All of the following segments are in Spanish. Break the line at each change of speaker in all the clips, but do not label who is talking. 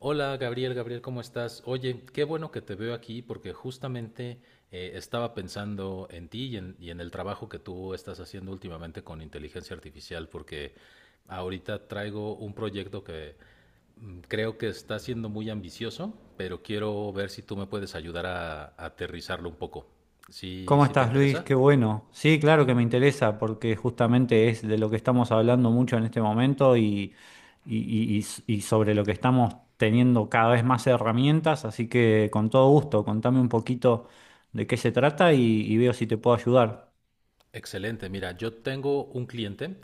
Hola Gabriel, Gabriel, ¿cómo estás? Oye, qué bueno que te veo aquí porque justamente estaba pensando en ti y en el trabajo que tú estás haciendo últimamente con inteligencia artificial porque ahorita traigo un proyecto que creo que está siendo muy ambicioso, pero quiero ver si tú me puedes ayudar a aterrizarlo un poco. ¿Sí,
¿Cómo
sí te
estás, Luis?
interesa?
Qué bueno. Sí, claro que me interesa porque justamente es de lo que estamos hablando mucho en este momento y sobre lo que estamos teniendo cada vez más herramientas, así que con todo gusto, contame un poquito de qué se trata, y veo si te puedo ayudar.
Excelente. Mira, yo tengo un cliente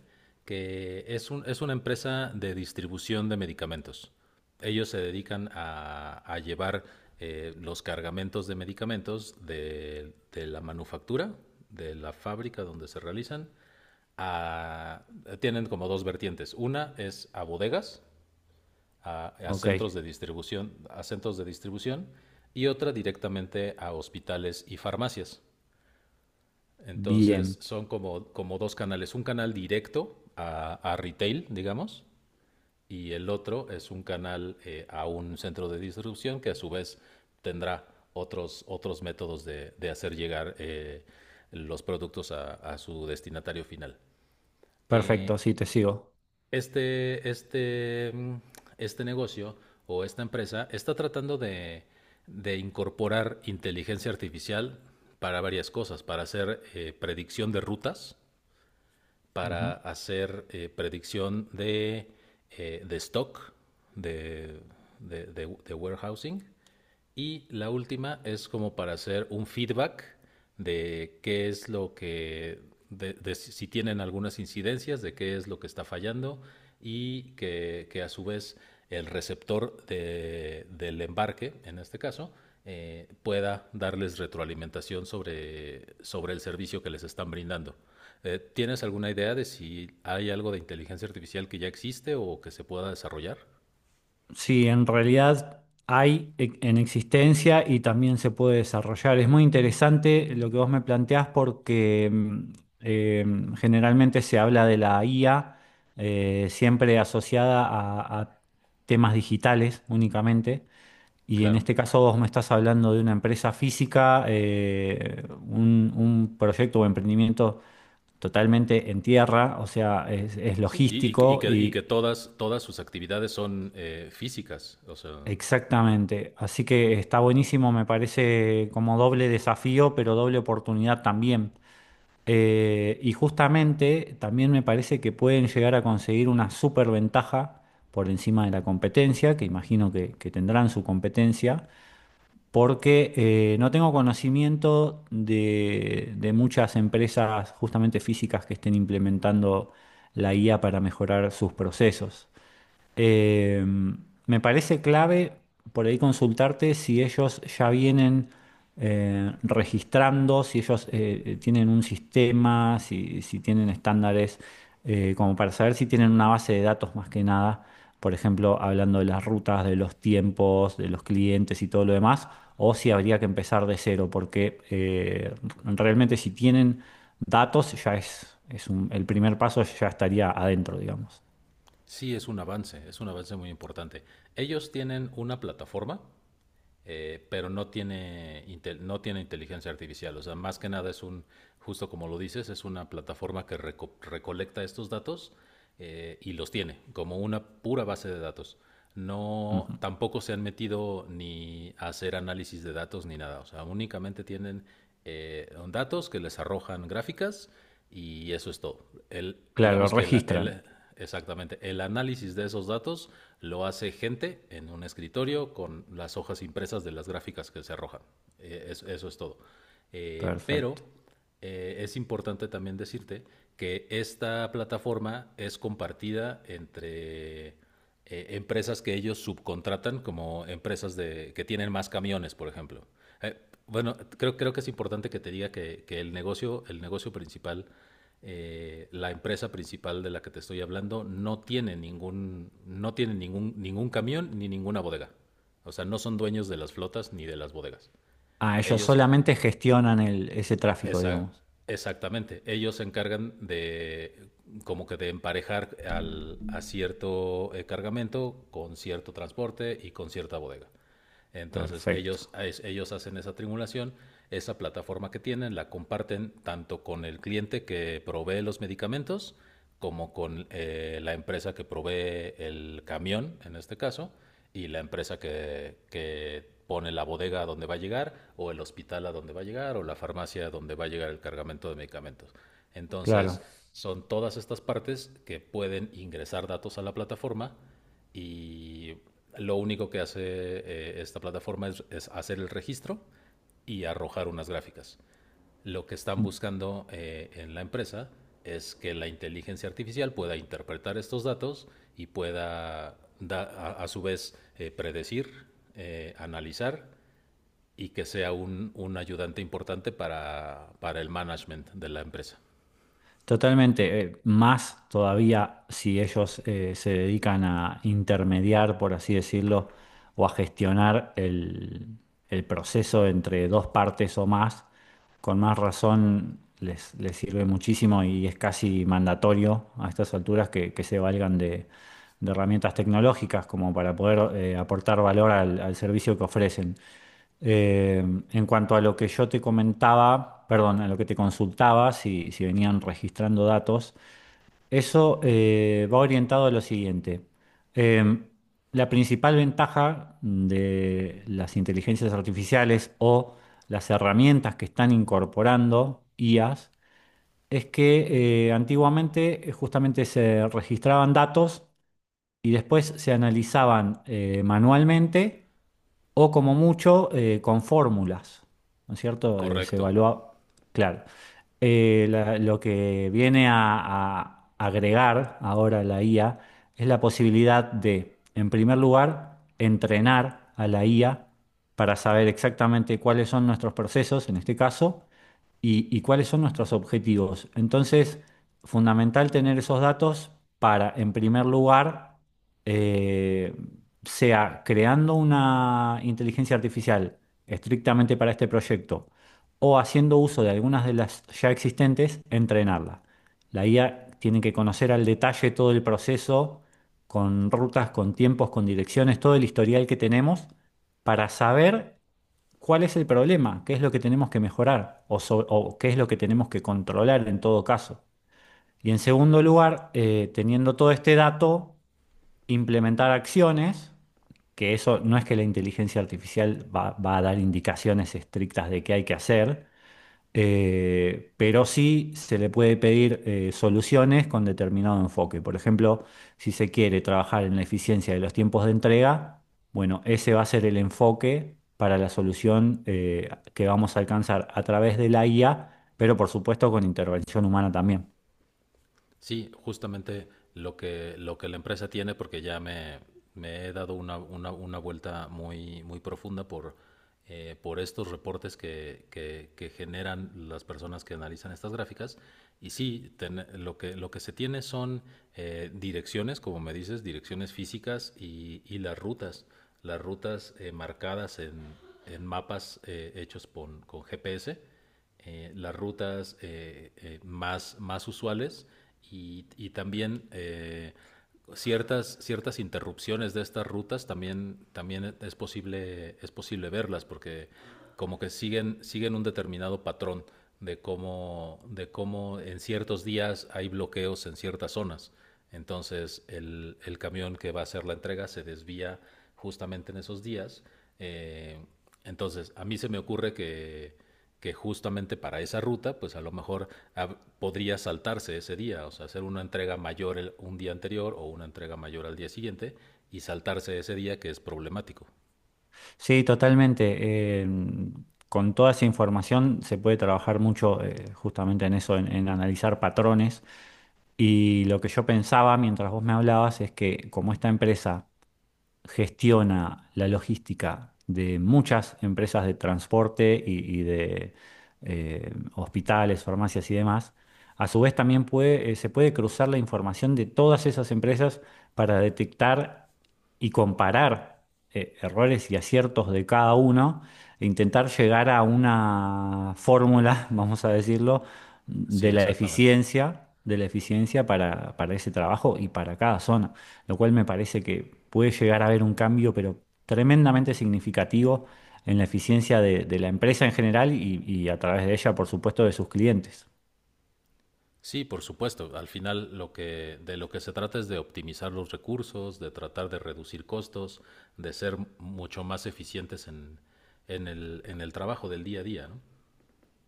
que es una empresa de distribución de medicamentos. Ellos se dedican a llevar los cargamentos de medicamentos de la manufactura, de la fábrica donde se realizan, a- tienen como dos vertientes. Una es a bodegas, a
Ok,
centros de distribución, a centros de distribución, y otra directamente a hospitales y farmacias. Entonces
bien,
son como, como dos canales, un canal directo a retail, digamos, y el otro es un canal a un centro de distribución que a su vez tendrá otros métodos de hacer llegar los productos a su destinatario final. Eh,
perfecto, sí, te sigo.
este, este, mm, este negocio o esta empresa está tratando de de incorporar inteligencia artificial para varias cosas, para hacer predicción de rutas para hacer predicción de stock, de, de warehousing y la última es como para hacer un feedback de qué es lo que, de si si tienen algunas incidencias, de qué es lo que está fallando que a su vez el receptor del embarque, en este caso, pueda darles retroalimentación sobre el servicio que les están brindando. ¿Tienes alguna idea de si hay algo de inteligencia artificial que ya existe o que se pueda desarrollar?
Sí, en realidad en existencia y también se puede desarrollar. Es muy interesante lo que vos me planteás porque eh, generalmente se habla de la IA, siempre asociada a temas digitales únicamente. Y en
Claro.
este caso vos me estás hablando de una empresa física, un proyecto o emprendimiento totalmente en tierra, o sea, es
Sí,
logístico
y que
y
todas sus actividades son físicas. O sea,
exactamente, así que está buenísimo, me parece como doble desafío, pero doble oportunidad también. Y justamente también me parece que pueden llegar a conseguir una super ventaja por encima de la competencia, que imagino que tendrán su competencia, porque no tengo conocimiento de muchas empresas justamente físicas que estén implementando la IA para mejorar sus procesos. Eh, me parece clave por ahí consultarte si ellos ya vienen registrando, si ellos tienen un sistema, si, si tienen estándares, como para saber si tienen una base de datos más que nada, por ejemplo, hablando de las rutas, de los tiempos, de los clientes y todo lo demás, o si habría que empezar de cero, porque realmente si tienen datos ya es, el primer paso ya estaría adentro, digamos.
sí es un avance muy importante. Ellos tienen una plataforma pero no tiene inteligencia artificial. O sea, más que nada es un, justo como lo dices, es una plataforma que recolecta estos datos y los tiene como una pura base de datos.
Ujú.
No, tampoco se han metido ni a hacer análisis de datos ni nada. O sea, únicamente tienen datos que les arrojan gráficas y eso es todo. El,
Claro, lo
digamos que
registran.
el, exactamente. El análisis de esos datos lo hace gente en un escritorio con las hojas impresas de las gráficas que se arrojan. Eso es todo. Pero
Perfecto.
es importante también decirte que esta plataforma es compartida entre empresas que ellos subcontratan, como empresas de, que tienen más camiones, por ejemplo. Eh, bueno, creo que es importante que te diga que el negocio principal, la empresa principal de la que te estoy hablando no tiene no tiene ningún camión ni ninguna bodega. O sea, no son dueños de las flotas ni de las bodegas.
Ah, ellos
Ellos,
solamente gestionan el, ese tráfico,
esa,
digamos.
exactamente, ellos se encargan de como que de emparejar al, a cierto cargamento con cierto transporte y con cierta bodega. Entonces
Perfecto.
ellos, ellos hacen esa triangulación, esa plataforma que tienen la comparten tanto con el cliente que provee los medicamentos como con la empresa que provee el camión, en este caso, y la empresa que pone la bodega a donde va a llegar, o el hospital a donde va a llegar, o la farmacia a donde va a llegar el cargamento de medicamentos.
Claro.
Entonces son todas estas partes que pueden ingresar datos a la plataforma y lo único que hace esta plataforma es hacer el registro y arrojar unas gráficas. Lo que están buscando en la empresa es que la inteligencia artificial pueda interpretar estos datos y pueda su vez predecir, analizar y que sea un ayudante importante para el management de la empresa.
Totalmente. Más todavía si ellos se dedican a intermediar, por así decirlo, o a gestionar el proceso entre dos partes o más, con más razón les, les sirve muchísimo y es casi mandatorio a estas alturas que se valgan de herramientas tecnológicas como para poder aportar valor al, al servicio que ofrecen. Eh, en cuanto a lo que yo te comentaba, perdón, a lo que te consultaba, si, si venían registrando datos, eso va orientado a lo siguiente. Eh, la principal ventaja de las inteligencias artificiales o las herramientas que están incorporando IAs es que antiguamente justamente se registraban datos y después se analizaban manualmente o como mucho con fórmulas, ¿no es cierto? Se
Correcto.
evalúa, claro. Lo que viene a agregar ahora la IA es la posibilidad de, en primer lugar, entrenar a la IA para saber exactamente cuáles son nuestros procesos, en este caso, y cuáles son nuestros objetivos. Entonces, fundamental tener esos datos para, en primer lugar, eh, sea creando una inteligencia artificial estrictamente para este proyecto o haciendo uso de algunas de las ya existentes, entrenarla. La IA tiene que conocer al detalle todo el proceso, con rutas, con tiempos, con direcciones, todo el historial que tenemos para saber, ¿cuál es el problema? ¿Qué es lo que tenemos que mejorar? ¿O o qué es lo que tenemos que controlar en todo caso? Y en segundo lugar, teniendo todo este dato, implementar acciones, que eso no es que la inteligencia artificial va a dar indicaciones estrictas de qué hay que hacer, pero sí se le puede pedir soluciones con determinado enfoque. Por ejemplo, si se quiere trabajar en la eficiencia de los tiempos de entrega, bueno, ese va a ser el enfoque para la solución que vamos a alcanzar a través de la IA, pero por supuesto con intervención humana también.
Sí, justamente lo lo que la empresa tiene, porque me he dado una vuelta muy, muy profunda por estos reportes que generan las personas que analizan estas gráficas. Y sí, lo que se tiene son direcciones, como me dices, direcciones físicas y las rutas marcadas en mapas hechos con GPS, las rutas más usuales y también ciertas interrupciones de estas rutas también, también posible, es posible verlas porque como que siguen un determinado patrón de de cómo en ciertos días hay bloqueos en ciertas zonas. Entonces el camión que va a hacer la entrega se desvía justamente en esos días. Eh, entonces a mí se me ocurre que justamente para esa ruta, pues a lo mejor podría saltarse ese día, o sea, hacer una entrega mayor un día anterior o una entrega mayor al día siguiente y saltarse ese día que es problemático.
Sí, totalmente. eh, con toda esa información se puede trabajar mucho, justamente en eso, en analizar patrones. Y lo que yo pensaba mientras vos me hablabas es que como esta empresa gestiona la logística de muchas empresas de transporte y de hospitales, farmacias y demás, a su vez también puede, se puede cruzar la información de todas esas empresas para detectar y comparar errores y aciertos de cada uno e intentar llegar a una fórmula, vamos a decirlo,
Sí, exactamente.
de la eficiencia para ese trabajo y para cada zona, lo cual me parece que puede llegar a haber un cambio, pero tremendamente significativo en la eficiencia de la empresa en general y a través de ella, por supuesto, de sus clientes.
Sí, por supuesto. Al final lo que de lo que se trata es de optimizar los recursos, de tratar de reducir costos, de ser mucho más eficientes en en el trabajo del día a día, ¿no?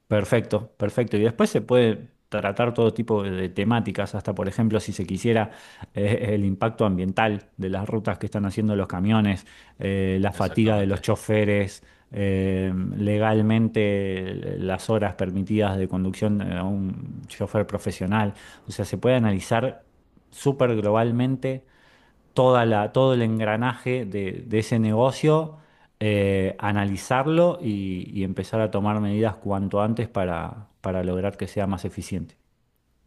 Perfecto, perfecto. Y después se puede tratar todo tipo de temáticas, hasta por ejemplo, si se quisiera, el impacto ambiental de las rutas que están haciendo los camiones, la fatiga de los
Exactamente.
choferes, legalmente las horas permitidas de conducción a un chofer profesional. O sea, se puede analizar súper globalmente toda la, todo el engranaje de ese negocio, analizarlo y empezar a tomar medidas cuanto antes para lograr que sea más eficiente.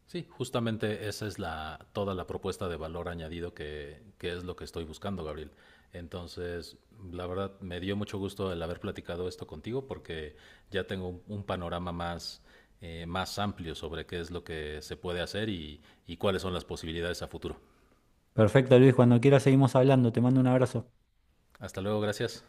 Sí, justamente esa es la, toda la propuesta de valor añadido que es lo que estoy buscando, Gabriel. Entonces, la verdad, me dio mucho gusto el haber platicado esto contigo porque ya tengo un panorama más, más amplio sobre qué es lo que se puede hacer y cuáles son las posibilidades a futuro.
Perfecto, Luis, cuando quieras seguimos hablando. Te mando un abrazo.
Hasta luego, gracias.